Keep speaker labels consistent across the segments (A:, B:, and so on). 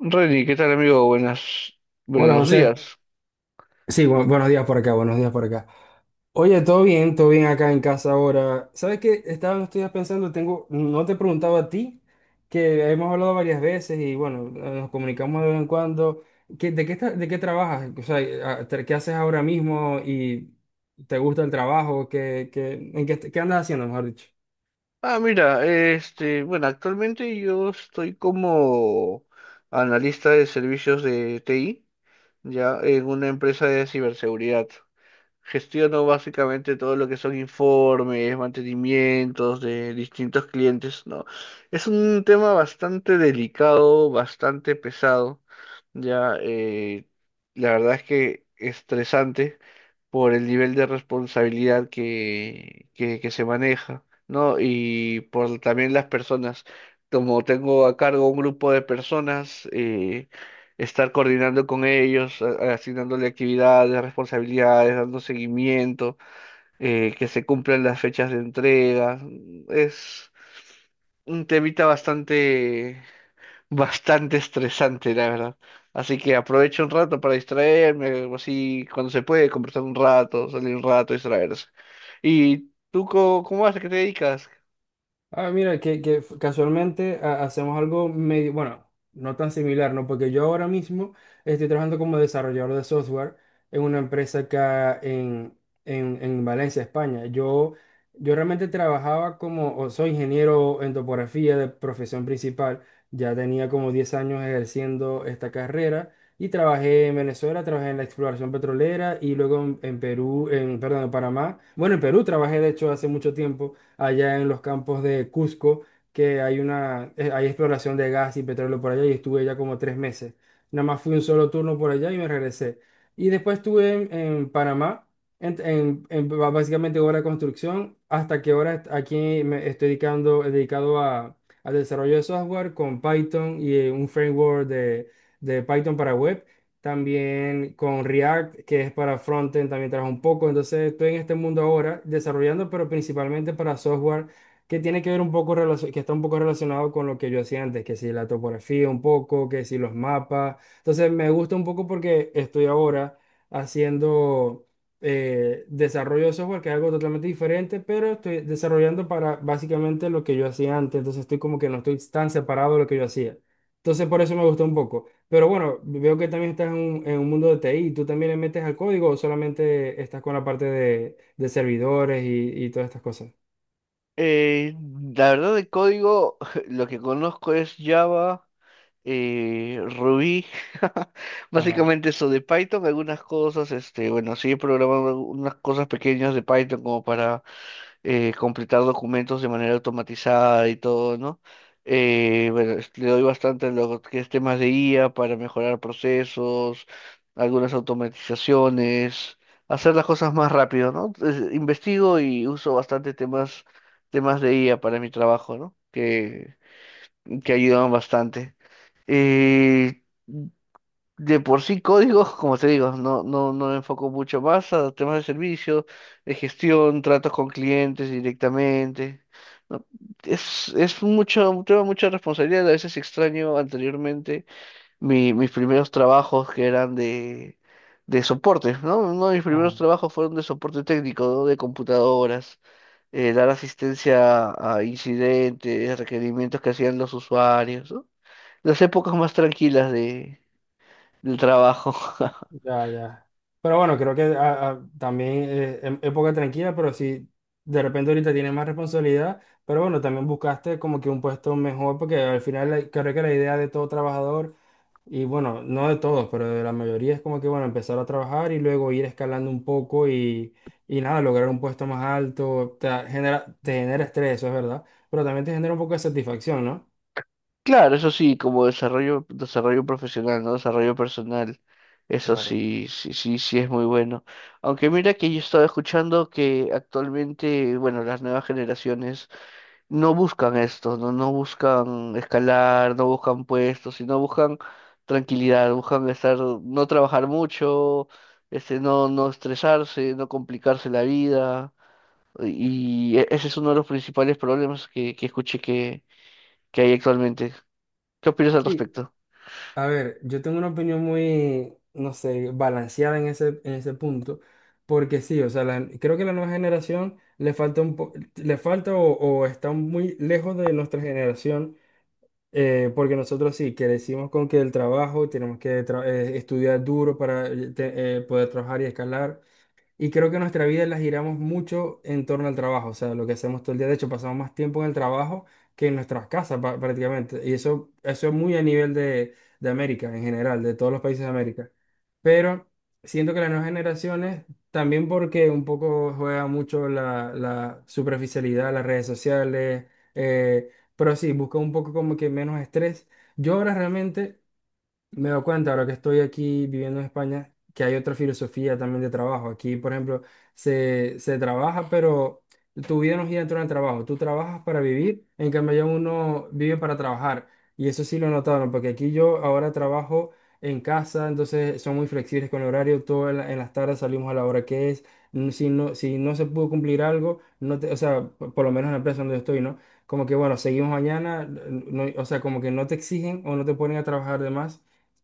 A: Reni, ¿qué tal amigo? Buenas,
B: Hola
A: buenos
B: José.
A: días.
B: Sí, buenos días por acá, buenos días por acá. Oye, todo bien acá en casa ahora. ¿Sabes qué? Estaba, no estoy pensando, tengo, no te he preguntado a ti, que hemos hablado varias veces y bueno, nos comunicamos de vez en cuando. ¿De qué trabajas? O sea, ¿qué haces ahora mismo y te gusta el trabajo? ¿En qué andas haciendo, mejor dicho?
A: Ah, mira, este, bueno, actualmente yo estoy como analista de servicios de TI, ya en una empresa de ciberseguridad. Gestiono básicamente todo lo que son informes, mantenimientos de distintos clientes, ¿no? Es un tema bastante delicado, bastante pesado, ya, la verdad es que estresante por el nivel de responsabilidad que se maneja, ¿no? Y por también las personas. Como tengo a cargo un grupo de personas, estar coordinando con ellos, asignándole actividades, responsabilidades, dando seguimiento, que se cumplan las fechas de entrega, es un temita bastante bastante estresante, la verdad. Así que aprovecho un rato para distraerme, así cuando se puede, conversar un rato, salir un rato, distraerse. ¿Y tú cómo vas? ¿A qué te dedicas?
B: Ah, mira, casualmente hacemos algo medio, bueno, no tan similar, ¿no? Porque yo ahora mismo estoy trabajando como desarrollador de software en una empresa acá en, en Valencia, España. Yo realmente trabajaba como, o soy ingeniero en topografía de profesión principal. Ya tenía como 10 años ejerciendo esta carrera y trabajé en Venezuela, trabajé en la exploración petrolera y luego en Perú, en, perdón, en Panamá. Bueno, en Perú trabajé de hecho hace mucho tiempo allá en los campos de Cusco, que hay exploración de gas y petróleo por allá y estuve ya como 3 meses. Nada más fui un solo turno por allá y me regresé. Y después estuve en Panamá, básicamente obra de construcción, hasta que ahora aquí me estoy dedicando, dedicado a, al desarrollo de software con Python y un framework de Python para web. También con React, que es para frontend, también trabajo un poco. Entonces estoy en este mundo ahora desarrollando, pero principalmente para software que tiene que ver un poco, que está un poco relacionado con lo que yo hacía antes, que si la topografía un poco, que si los mapas. Entonces me gusta un poco porque estoy ahora haciendo desarrollo de software, que es algo totalmente diferente, pero estoy desarrollando para básicamente lo que yo hacía antes. Entonces estoy como que no estoy tan separado de lo que yo hacía. Entonces por eso me gustó un poco. Pero bueno, veo que también estás en un, mundo de TI. ¿Tú también le metes al código o solamente estás con la parte de servidores y todas estas cosas?
A: Eh, la verdad de código, lo que conozco es Java, Ruby,
B: Ajá,
A: básicamente eso de Python, algunas cosas, este, bueno, sí he programado unas cosas pequeñas de Python como para completar documentos de manera automatizada y todo, ¿no? Bueno, le doy bastante a lo que es temas de IA para mejorar procesos, algunas automatizaciones, hacer las cosas más rápido, ¿no? Entonces, investigo y uso bastante temas de IA para mi trabajo, ¿no? Que ayudan bastante. Eh, de por sí códigos, como te digo, no me enfoco mucho más a temas de servicio, de gestión, tratos con clientes directamente. ¿No? Es mucho, un tema de mucha responsabilidad. A veces extraño anteriormente mis primeros trabajos que eran de soporte, ¿no? Uno de mis primeros
B: ajá,
A: trabajos fueron de soporte técnico, ¿no? De computadoras, dar asistencia a incidentes, requerimientos que hacían los usuarios, ¿no? Las épocas más tranquilas del trabajo.
B: ya, ya. Pero bueno, creo que también época tranquila, pero sí, de repente ahorita tienes más responsabilidad, pero bueno, también buscaste como que un puesto mejor, porque al final creo que la idea de todo trabajador. Y bueno, no de todos, pero de la mayoría es como que, bueno, empezar a trabajar y luego ir escalando un poco y nada, lograr un puesto más alto, te genera estrés, eso es verdad, pero también te genera un poco de satisfacción, ¿no?
A: Claro, eso sí, como desarrollo, desarrollo profesional, ¿no? Desarrollo personal. Eso
B: Claro.
A: sí, sí, sí, sí es muy bueno. Aunque mira que yo estaba escuchando que actualmente, bueno, las nuevas generaciones no buscan esto, ¿no? No buscan escalar, no buscan puestos, sino buscan tranquilidad, buscan estar, no trabajar mucho, este, no estresarse, no complicarse la vida. Y ese es uno de los principales problemas que escuché que hay actualmente. ¿Qué opinas al
B: Sí,
A: respecto?
B: a ver, yo tengo una opinión muy, no sé, balanceada en ese, punto, porque sí, o sea, creo que la nueva generación le falta o está muy lejos de nuestra generación. Porque nosotros sí, que decimos con que el trabajo, tenemos que estudiar duro para poder trabajar y escalar, y creo que nuestra vida la giramos mucho en torno al trabajo, o sea, lo que hacemos todo el día. De hecho, pasamos más tiempo en el trabajo que en nuestras casas prácticamente. Y eso es muy a nivel de América en general, de todos los países de América. Pero siento que las nuevas generaciones, también porque un poco juega mucho la superficialidad, las redes sociales, eh, pero sí, busca un poco como que menos estrés. Yo ahora realmente... Me doy cuenta ahora que estoy aquí viviendo en España que hay otra filosofía también de trabajo. Aquí, por ejemplo, se trabaja, pero tu vida no gira en torno al trabajo. Tú trabajas para vivir, en cambio allá uno vive para trabajar. Y eso sí lo notaron, porque aquí yo ahora trabajo en casa, entonces son muy flexibles con el horario. Todo en las tardes salimos a la hora que es. Si no, si no se pudo cumplir algo, no te-, o sea, por lo menos en la empresa donde yo estoy, ¿no? Como que bueno, seguimos mañana, no-, o sea, como que no te exigen o no te ponen a trabajar de más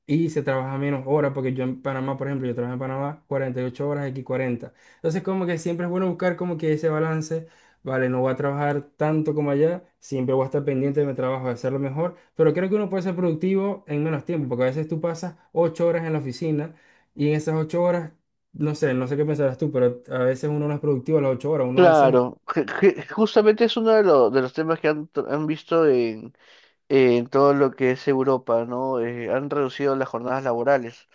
B: y se trabaja menos horas, porque yo en Panamá, por ejemplo, yo trabajo en Panamá 48 horas, aquí 40. Entonces, como que siempre es bueno buscar como que ese balance, vale, no voy a trabajar tanto como allá, siempre voy a estar pendiente de mi trabajo, de hacerlo mejor, pero creo que uno puede ser productivo en menos tiempo, porque a veces tú pasas 8 horas en la oficina y en esas 8 horas, no sé qué pensarás tú, pero a veces uno no es productivo a las 8 horas, uno a veces.
A: Claro, justamente es uno de, de los temas que han visto en todo lo que es Europa, ¿no? Han reducido las jornadas laborales.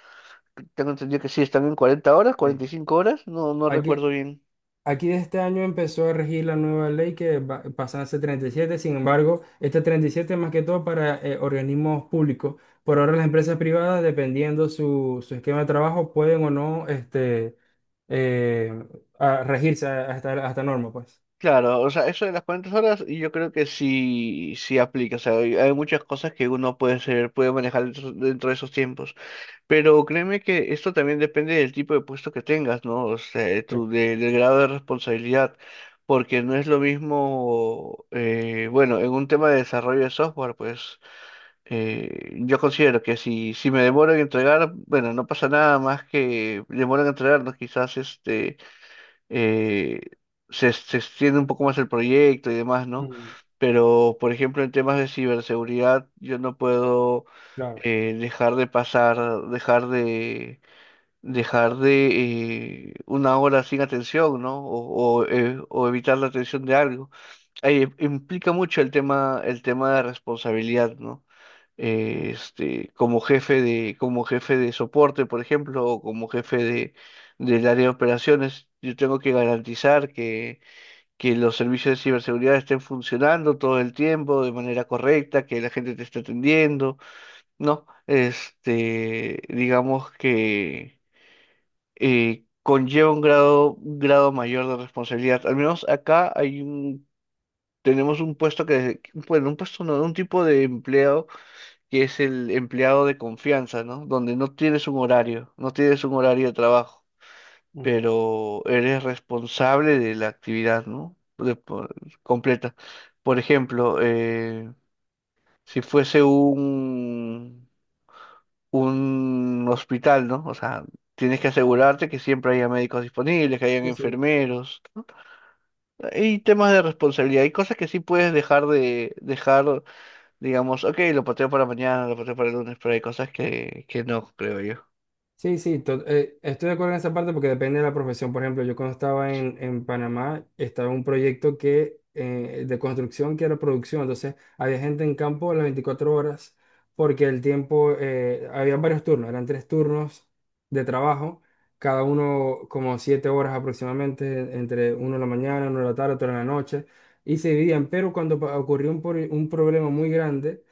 A: Tengo entendido que sí, están en 40 horas,
B: Sí.
A: 45 horas, no
B: Hay que,
A: recuerdo bien.
B: aquí de este año empezó a regir la nueva ley que pasa a ser 37. Sin embargo, este 37 es más que todo para organismos públicos. Por ahora las empresas privadas, dependiendo su esquema de trabajo, pueden o no eh, regirse a esta norma, pues.
A: Claro, o sea, eso de las 40 horas y yo creo que sí, sí aplica, o sea, hay muchas cosas que uno puede hacer, puede manejar dentro de esos tiempos. Pero créeme que esto también depende del tipo de puesto que tengas, ¿no? O sea, de
B: Sí.
A: tu, de- del grado de responsabilidad, porque no es lo mismo, bueno, en un tema de desarrollo de software, pues yo considero que si me demoro en entregar, bueno, no pasa nada más que demoro en entregarnos, quizás este eh, se extiende un poco más el proyecto y demás, ¿no?
B: Ujú.
A: Pero, por ejemplo, en temas de ciberseguridad, yo no puedo
B: Claro.
A: dejar de pasar, dejar de, dejar de una hora sin atención, ¿no? O evitar la atención de algo. Ahí implica mucho el tema de responsabilidad, ¿no? Este, como jefe de, soporte, por ejemplo, o como jefe del área de operaciones, yo tengo que garantizar que los servicios de ciberseguridad estén funcionando todo el tiempo de manera correcta, que la gente te esté atendiendo, ¿no? Este, digamos que conlleva un grado mayor de responsabilidad. Al menos acá tenemos un puesto que, bueno, un puesto no, un tipo de empleo que es el empleado de confianza, ¿no? Donde no tienes un horario, no tienes un horario de trabajo,
B: Ujú.
A: pero eres responsable de la actividad, ¿no? Completa. Por ejemplo, si fuese un hospital, ¿no? O sea, tienes que
B: Claro.
A: asegurarte que siempre haya médicos disponibles, que hayan
B: Sí, sí.
A: enfermeros, ¿no? Hay temas de responsabilidad, hay cosas que sí puedes dejar de dejar. Digamos, ok, lo pateo para mañana, lo pateo para el lunes, pero hay cosas que no, creo yo.
B: Sí, sí, estoy de acuerdo en esa parte porque depende de la profesión. Por ejemplo, yo cuando estaba en Panamá, estaba un proyecto de construcción que era producción. Entonces, había gente en campo a las 24 horas porque el tiempo, había varios turnos, eran 3 turnos de trabajo, cada uno como 7 horas aproximadamente, entre uno de la mañana, uno de la tarde, otro de la noche, y se dividían. Pero cuando ocurrió un problema muy grande.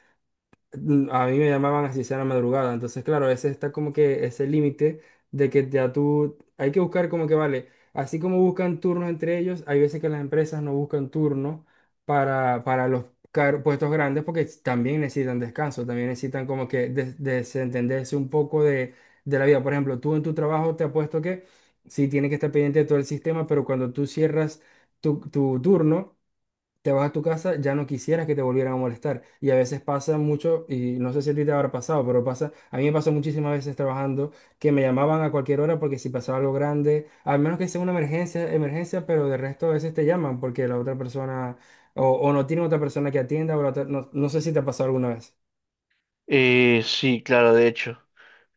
B: A mí me llamaban así sea la madrugada. Entonces, claro, ese está como que ese límite de que ya tú, hay que buscar como que vale. Así como buscan turnos entre ellos, hay veces que las empresas no buscan turnos para los puestos grandes porque también necesitan descanso, también necesitan como que desentenderse un poco de la vida. Por ejemplo, tú en tu trabajo te apuesto que sí tienes que estar pendiente de todo el sistema, pero cuando tú cierras tu turno, te vas a tu casa, ya no quisieras que te volvieran a molestar. Y a veces pasa mucho, y no sé si a ti te habrá pasado, pero pasa, a mí me pasó muchísimas veces trabajando que me llamaban a cualquier hora porque si pasaba algo grande, al menos que sea una emergencia, emergencia, pero de resto a veces te llaman porque la otra persona, o no tiene otra persona que atienda, o no, no sé si te ha pasado alguna vez.
A: Sí, claro, de hecho.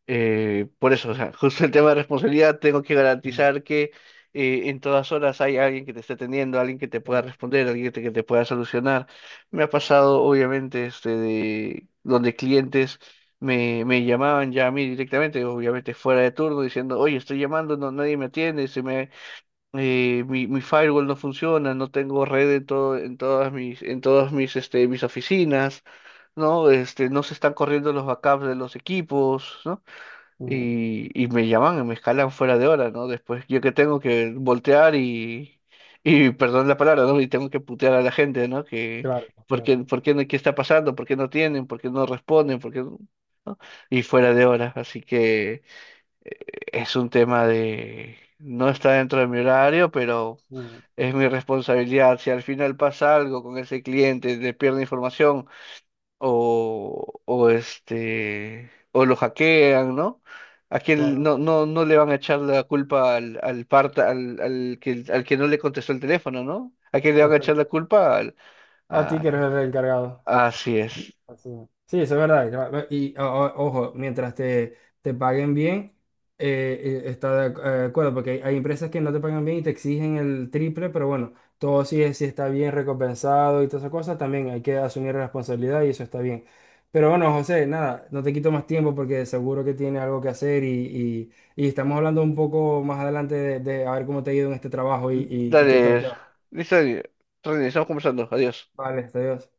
A: Por eso, o sea, justo el tema de responsabilidad, tengo que
B: Mm,
A: garantizar que en todas horas hay alguien que te esté atendiendo, alguien que te pueda
B: claro,
A: responder, alguien que te pueda solucionar. Me ha pasado, obviamente, este, de donde clientes me llamaban ya a mí directamente, obviamente fuera de turno, diciendo, oye, estoy llamando, no, nadie me atiende, se me, mi firewall no funciona, no tengo red en todas mis oficinas, ¿no? Este, no se están corriendo los backups de los equipos, ¿no?
B: mm,
A: Y me llaman y me escalan fuera de hora, ¿no? Después yo que tengo que voltear y perdón la palabra, ¿no? Y tengo que putear a la gente, ¿no? Que,
B: claro, claro,
A: por qué, no- qué está pasando? ¿Por qué no tienen? ¿Por qué no responden? ¿Por qué no? ¿No? Y fuera de hora, así que eh, es un tema de. No está dentro de mi horario, pero
B: mm,
A: es mi responsabilidad. Si al final pasa algo con ese cliente, le pierde información o lo hackean, ¿no? A quién
B: claro.
A: no le van a echar la culpa al, al parta, al, al que no le contestó el teléfono, ¿no? ¿A quién le van a
B: Exacto.
A: echar la culpa?
B: A ti
A: A-
B: que eres el encargado.
A: Así es.
B: Así es. Sí, eso es verdad. Ya. Y ojo, mientras te paguen bien, está de acuerdo, porque hay empresas que no te pagan bien y te exigen el triple, pero bueno, todo sí, sí está bien recompensado y todas esas cosas, también hay que asumir responsabilidad y eso está bien. Pero bueno, José, nada, no te quito más tiempo porque seguro que tienes algo que hacer y estamos hablando un poco más adelante de a ver cómo te ha ido en este trabajo y qué tal te
A: Dale,
B: va.
A: listo, René, estamos conversando. Adiós.
B: Vale, hasta adiós.